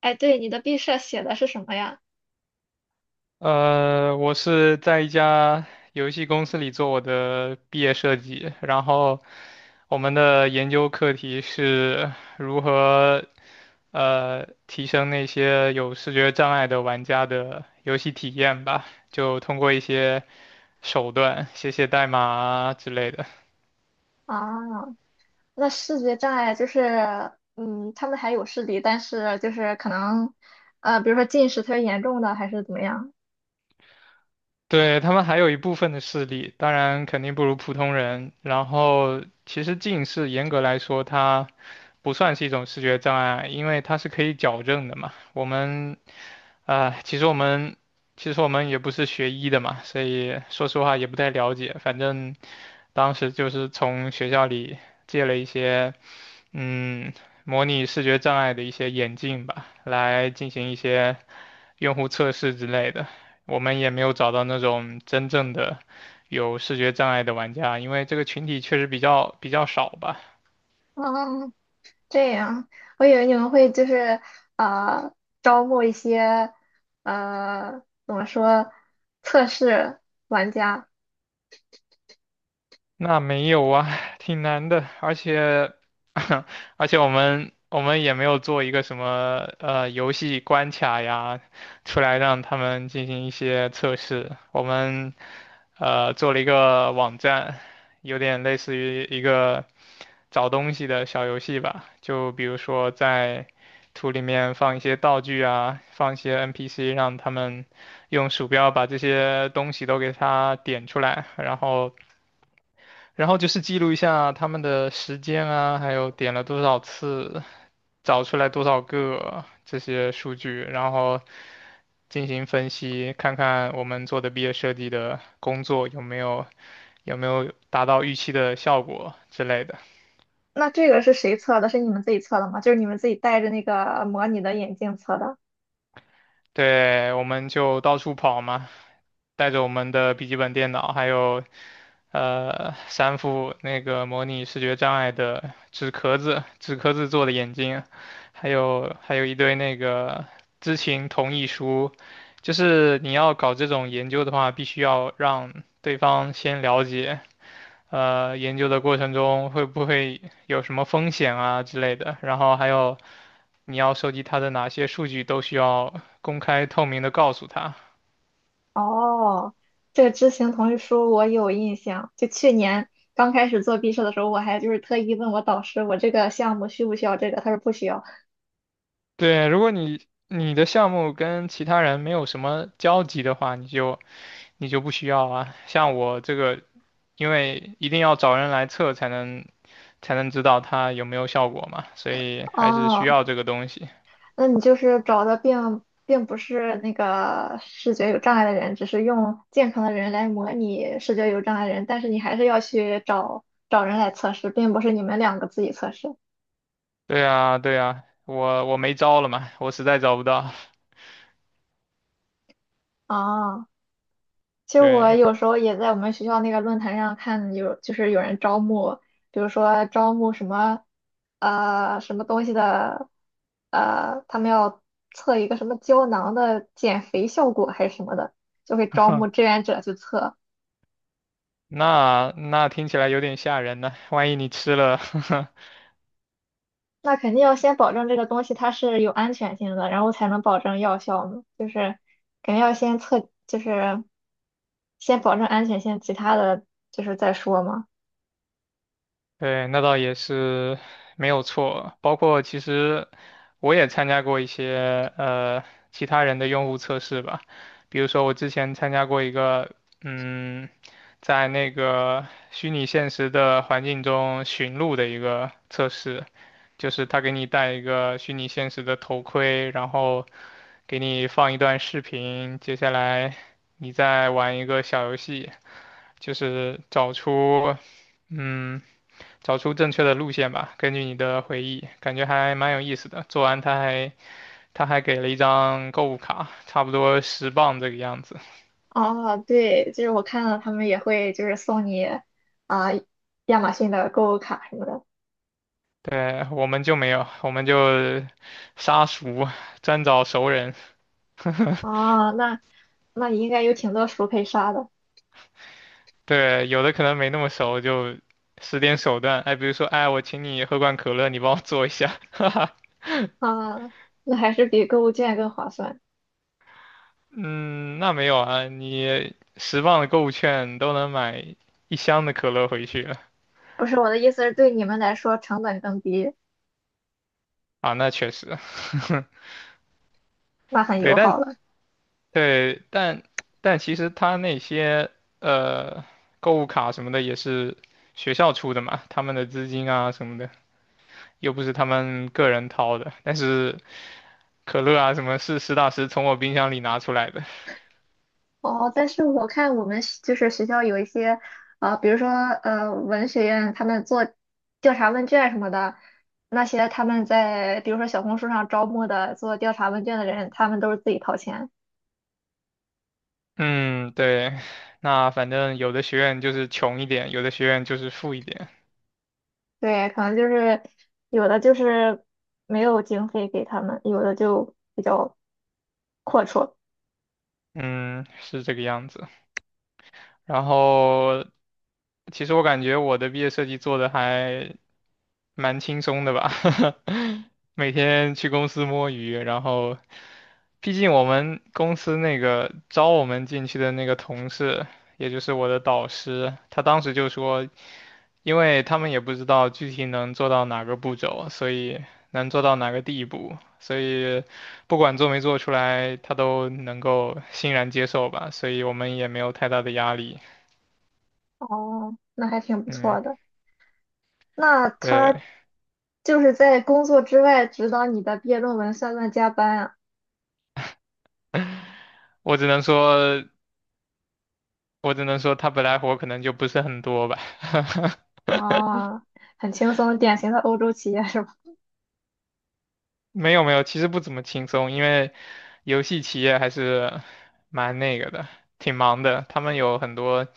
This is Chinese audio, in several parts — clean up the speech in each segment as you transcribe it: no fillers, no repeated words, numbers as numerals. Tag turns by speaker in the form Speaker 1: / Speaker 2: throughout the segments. Speaker 1: 哎，对，你的毕设写的是什么呀？
Speaker 2: 我是在一家游戏公司里做我的毕业设计，然后我们的研究课题是如何提升那些有视觉障碍的玩家的游戏体验吧，就通过一些手段，写写代码啊之类的。
Speaker 1: 啊，那视觉障碍就是，嗯，他们还有视力，但是就是可能，比如说近视特别严重的，还是怎么样？
Speaker 2: 对，他们还有一部分的视力，当然肯定不如普通人。然后，其实近视严格来说，它不算是一种视觉障碍，因为它是可以矫正的嘛。我们啊、呃其实我们其实我们也不是学医的嘛，所以说实话也不太了解。反正当时就是从学校里借了一些嗯模拟视觉障碍的一些眼镜吧，来进行一些用户测试之类的，我们也没有找到那种真正的有视觉障碍的玩家，因为这个群体确实比较少吧。
Speaker 1: 嗯，这样，我以为你们会就是，呃，招募一些，呃，怎么说，测试玩家。
Speaker 2: 那没有啊，挺难的，而且 而且我们也没有做一个什么游戏关卡呀，出来让他们进行一些测试。我们做了一个网站，有点类似于一个找东西的小游戏吧，就比如说在图里面放一些道具啊，放一些 NPC,让他们用鼠标把这些东西都给它点出来。然后。然后就是记录一下他们的时间啊，还有点了多少次，找出来多少个这些数据，然后进行分析，看看我们做的毕业设计的工作有没有达到预期的效果之类的。
Speaker 1: 那这个是谁测的？是你们自己测的吗？就是你们自己戴着那个模拟的眼镜测的？
Speaker 2: 对，我们就到处跑嘛，带着我们的笔记本电脑，还有三副那个模拟视觉障碍的纸壳子、纸壳子做的眼镜，还有一堆那个知情同意书。就是你要搞这种研究的话，必须要让对方先了解，研究的过程中会不会有什么风险啊之类的，然后还有你要收集它的哪些数据都需要公开透明的告诉他。
Speaker 1: 哦，这个知行同意书我有印象。就去年刚开始做毕设的时候，我还就是特意问我导师，我这个项目需不需要这个？他说不需要。
Speaker 2: 对，如果你的项目跟其他人没有什么交集的话，你就不需要啊。像我这个，因为一定要找人来测才能知道它有没有效果嘛，所以还是需
Speaker 1: 哦，
Speaker 2: 要这个东西。
Speaker 1: 那你就是找的并不是那个视觉有障碍的人，只是用健康的人来模拟视觉有障碍的人，但是你还是要去找找人来测试，并不是你们两个自己测试。
Speaker 2: 对啊，对啊，我没招了嘛，我实在找不到。
Speaker 1: 哦， 其实我
Speaker 2: 对，
Speaker 1: 有时候也在我们学校那个论坛上看有，就是有人招募，比如说招募什么，什么东西的，他们要测一个什么胶囊的减肥效果还是什么的，就会招募志 愿者去测。
Speaker 2: 那那听起来有点吓人呢，万一你吃了，
Speaker 1: 那肯定要先保证这个东西它是有安全性的，然后才能保证药效嘛。就是肯定要先测，就是先保证安全性，其他的就是再说嘛。
Speaker 2: 对，那倒也是没有错。包括其实我也参加过一些其他人的用户测试吧，比如说我之前参加过一个，嗯，在那个虚拟现实的环境中寻路的一个测试。就是他给你戴一个虚拟现实的头盔，然后给你放一段视频，接下来你再玩一个小游戏，就是找出，嗯，找出正确的路线吧，根据你的回忆，感觉还蛮有意思的。做完他还给了一张购物卡，差不多十磅这个样子。
Speaker 1: 哦，对，就是我看到他们也会就是送你啊、亚马逊的购物卡什么的。
Speaker 2: 对，我们就没有，我们就杀熟，专找熟人。
Speaker 1: 哦，那你应该有挺多熟可以刷的
Speaker 2: 对，有的可能没那么熟，就使点手段。哎，比如说，哎，我请你喝罐可乐，你帮我做一下。哈哈，
Speaker 1: 啊、那还是比购物券更划算。
Speaker 2: 嗯，那没有啊，你十磅的购物券都能买一箱的可乐回去了。
Speaker 1: 不是我的意思是对你们来说成本更低，
Speaker 2: 啊，那确实，
Speaker 1: 那很
Speaker 2: 对，
Speaker 1: 友好
Speaker 2: 但
Speaker 1: 了。
Speaker 2: 对,但但其实他那些呃购物卡什么的也是学校出的嘛，他们的资金啊什么的，又不是他们个人掏的。但是可乐啊什么是实打实从我冰箱里拿出来的。
Speaker 1: 哦，但是我看我们学就是学校有一些啊、比如说文学院他们做调查问卷什么的。那些他们在比如说小红书上招募的做调查问卷的人，他们都是自己掏钱。
Speaker 2: 嗯，对，那反正有的学院就是穷一点，有的学院就是富一点，
Speaker 1: 对，可能就是有的就是没有经费给他们，有的就比较阔绰。
Speaker 2: 嗯，是这个样子。然后其实我感觉我的毕业设计做的还蛮轻松的吧，每天去公司摸鱼，然后毕竟我们公司那个招我们进去的那个同事，也就是我的导师，他当时就说，因为他们也不知道具体能做到哪个步骤，所以能做到哪个地步，所以不管做没做出来，他都能够欣然接受吧，所以我们也没有太大的压力。
Speaker 1: 哦，那还挺不错
Speaker 2: 嗯，
Speaker 1: 的。那他
Speaker 2: 对，
Speaker 1: 就是在工作之外指导你的毕业论文，算不算加班啊？
Speaker 2: 我只能说，我只能说他本来活可能就不是很多吧。
Speaker 1: 哦，很轻松，典型的欧洲企业是吧？
Speaker 2: 没有没有，其实不怎么轻松，因为游戏企业还是蛮那个的，挺忙的。他们有很多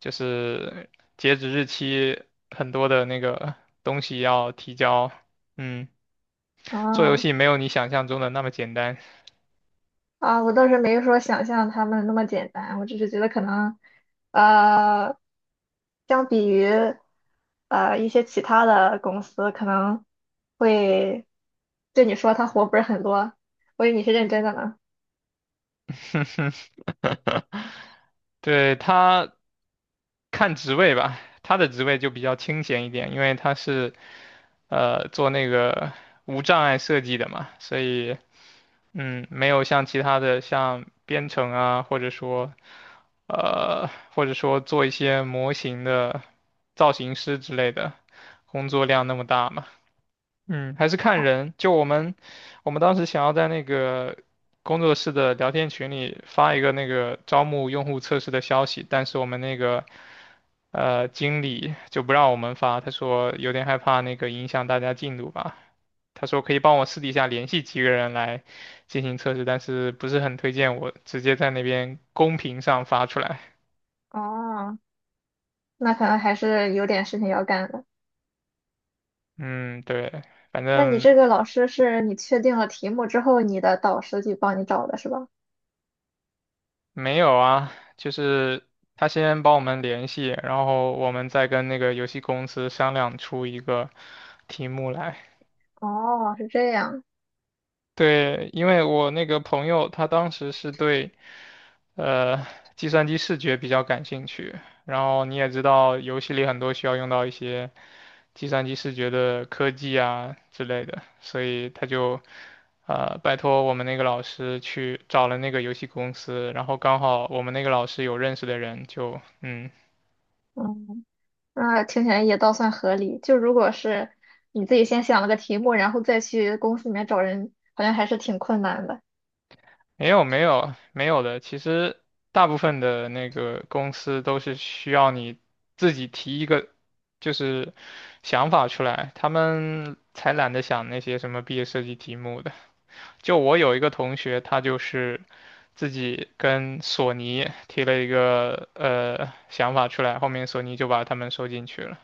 Speaker 2: 就是截止日期，很多的那个东西要提交。嗯，做游
Speaker 1: 哦，
Speaker 2: 戏没有你想象中的那么简单。
Speaker 1: 啊，我倒是没说想象他们那么简单，我只是觉得可能，呃，相比于一些其他的公司，可能会对你说他活不是很多，我以为你是认真的呢。
Speaker 2: 对，他看职位吧，他的职位就比较清闲一点，因为他是做那个无障碍设计的嘛，所以嗯，没有像其他的像编程啊，呃或者说做一些模型的造型师之类的工作量那么大嘛。嗯，还是看
Speaker 1: 哦，
Speaker 2: 人。就我们，我们当时想要在那个工作室的聊天群里发一个那个招募用户测试的消息，但是我们那个经理就不让我们发，他说有点害怕那个影响大家进度吧。他说可以帮我私底下联系几个人来进行测试，但是不是很推荐我直接在那边公屏上发出来。
Speaker 1: 哦，那可能还是有点事情要干的。
Speaker 2: 嗯，对，反
Speaker 1: 那你
Speaker 2: 正。
Speaker 1: 这个老师是你确定了题目之后，你的导师去帮你找的是吧？
Speaker 2: 没有啊，就是他先帮我们联系，然后我们再跟那个游戏公司商量出一个题目来。
Speaker 1: 哦，是这样。
Speaker 2: 对，因为我那个朋友他当时是对呃计算机视觉比较感兴趣，然后你也知道游戏里很多需要用到一些计算机视觉的科技啊之类的，所以他就拜托我们那个老师去找了那个游戏公司，然后刚好我们那个老师有认识的人就，嗯。
Speaker 1: 嗯。那听起来也倒算合理。就如果是你自己先想了个题目，然后再去公司里面找人，好像还是挺困难的。
Speaker 2: 没有没有没有的，其实大部分的那个公司都是需要你自己提一个就是想法出来，他们才懒得想那些什么毕业设计题目的。就我有一个同学，他就是自己跟索尼提了一个想法出来，后面索尼就把他们收进去了。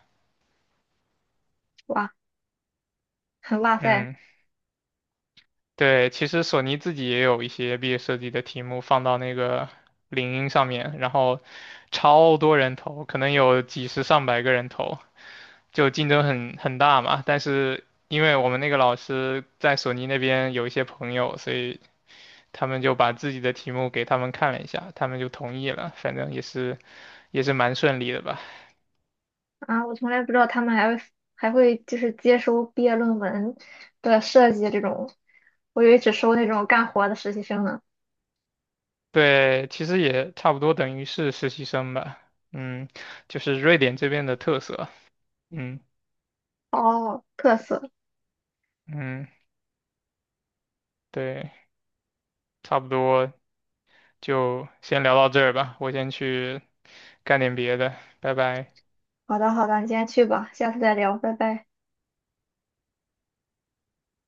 Speaker 1: 哇，哇塞，
Speaker 2: 嗯。对，其实索尼自己也有一些毕业设计的题目放到那个领英上面，然后超多人投，可能有几十上百个人投，就竞争很大嘛。但是因为我们那个老师在索尼那边有一些朋友，所以他们就把自己的题目给他们看了一下，他们就同意了。反正也是蛮顺利的吧。
Speaker 1: 啊，我从来不知道他们还会还会就是接收毕业论文的设计这种，我以为只收那种干活的实习生呢。
Speaker 2: 对，其实也差不多等于是实习生吧。嗯，就是瑞典这边的特色。嗯
Speaker 1: 哦，特色。
Speaker 2: 嗯，对。差不多就先聊到这儿吧，我先去干点别的，拜拜。
Speaker 1: 好的，好的，你先去吧，下次再聊，拜拜。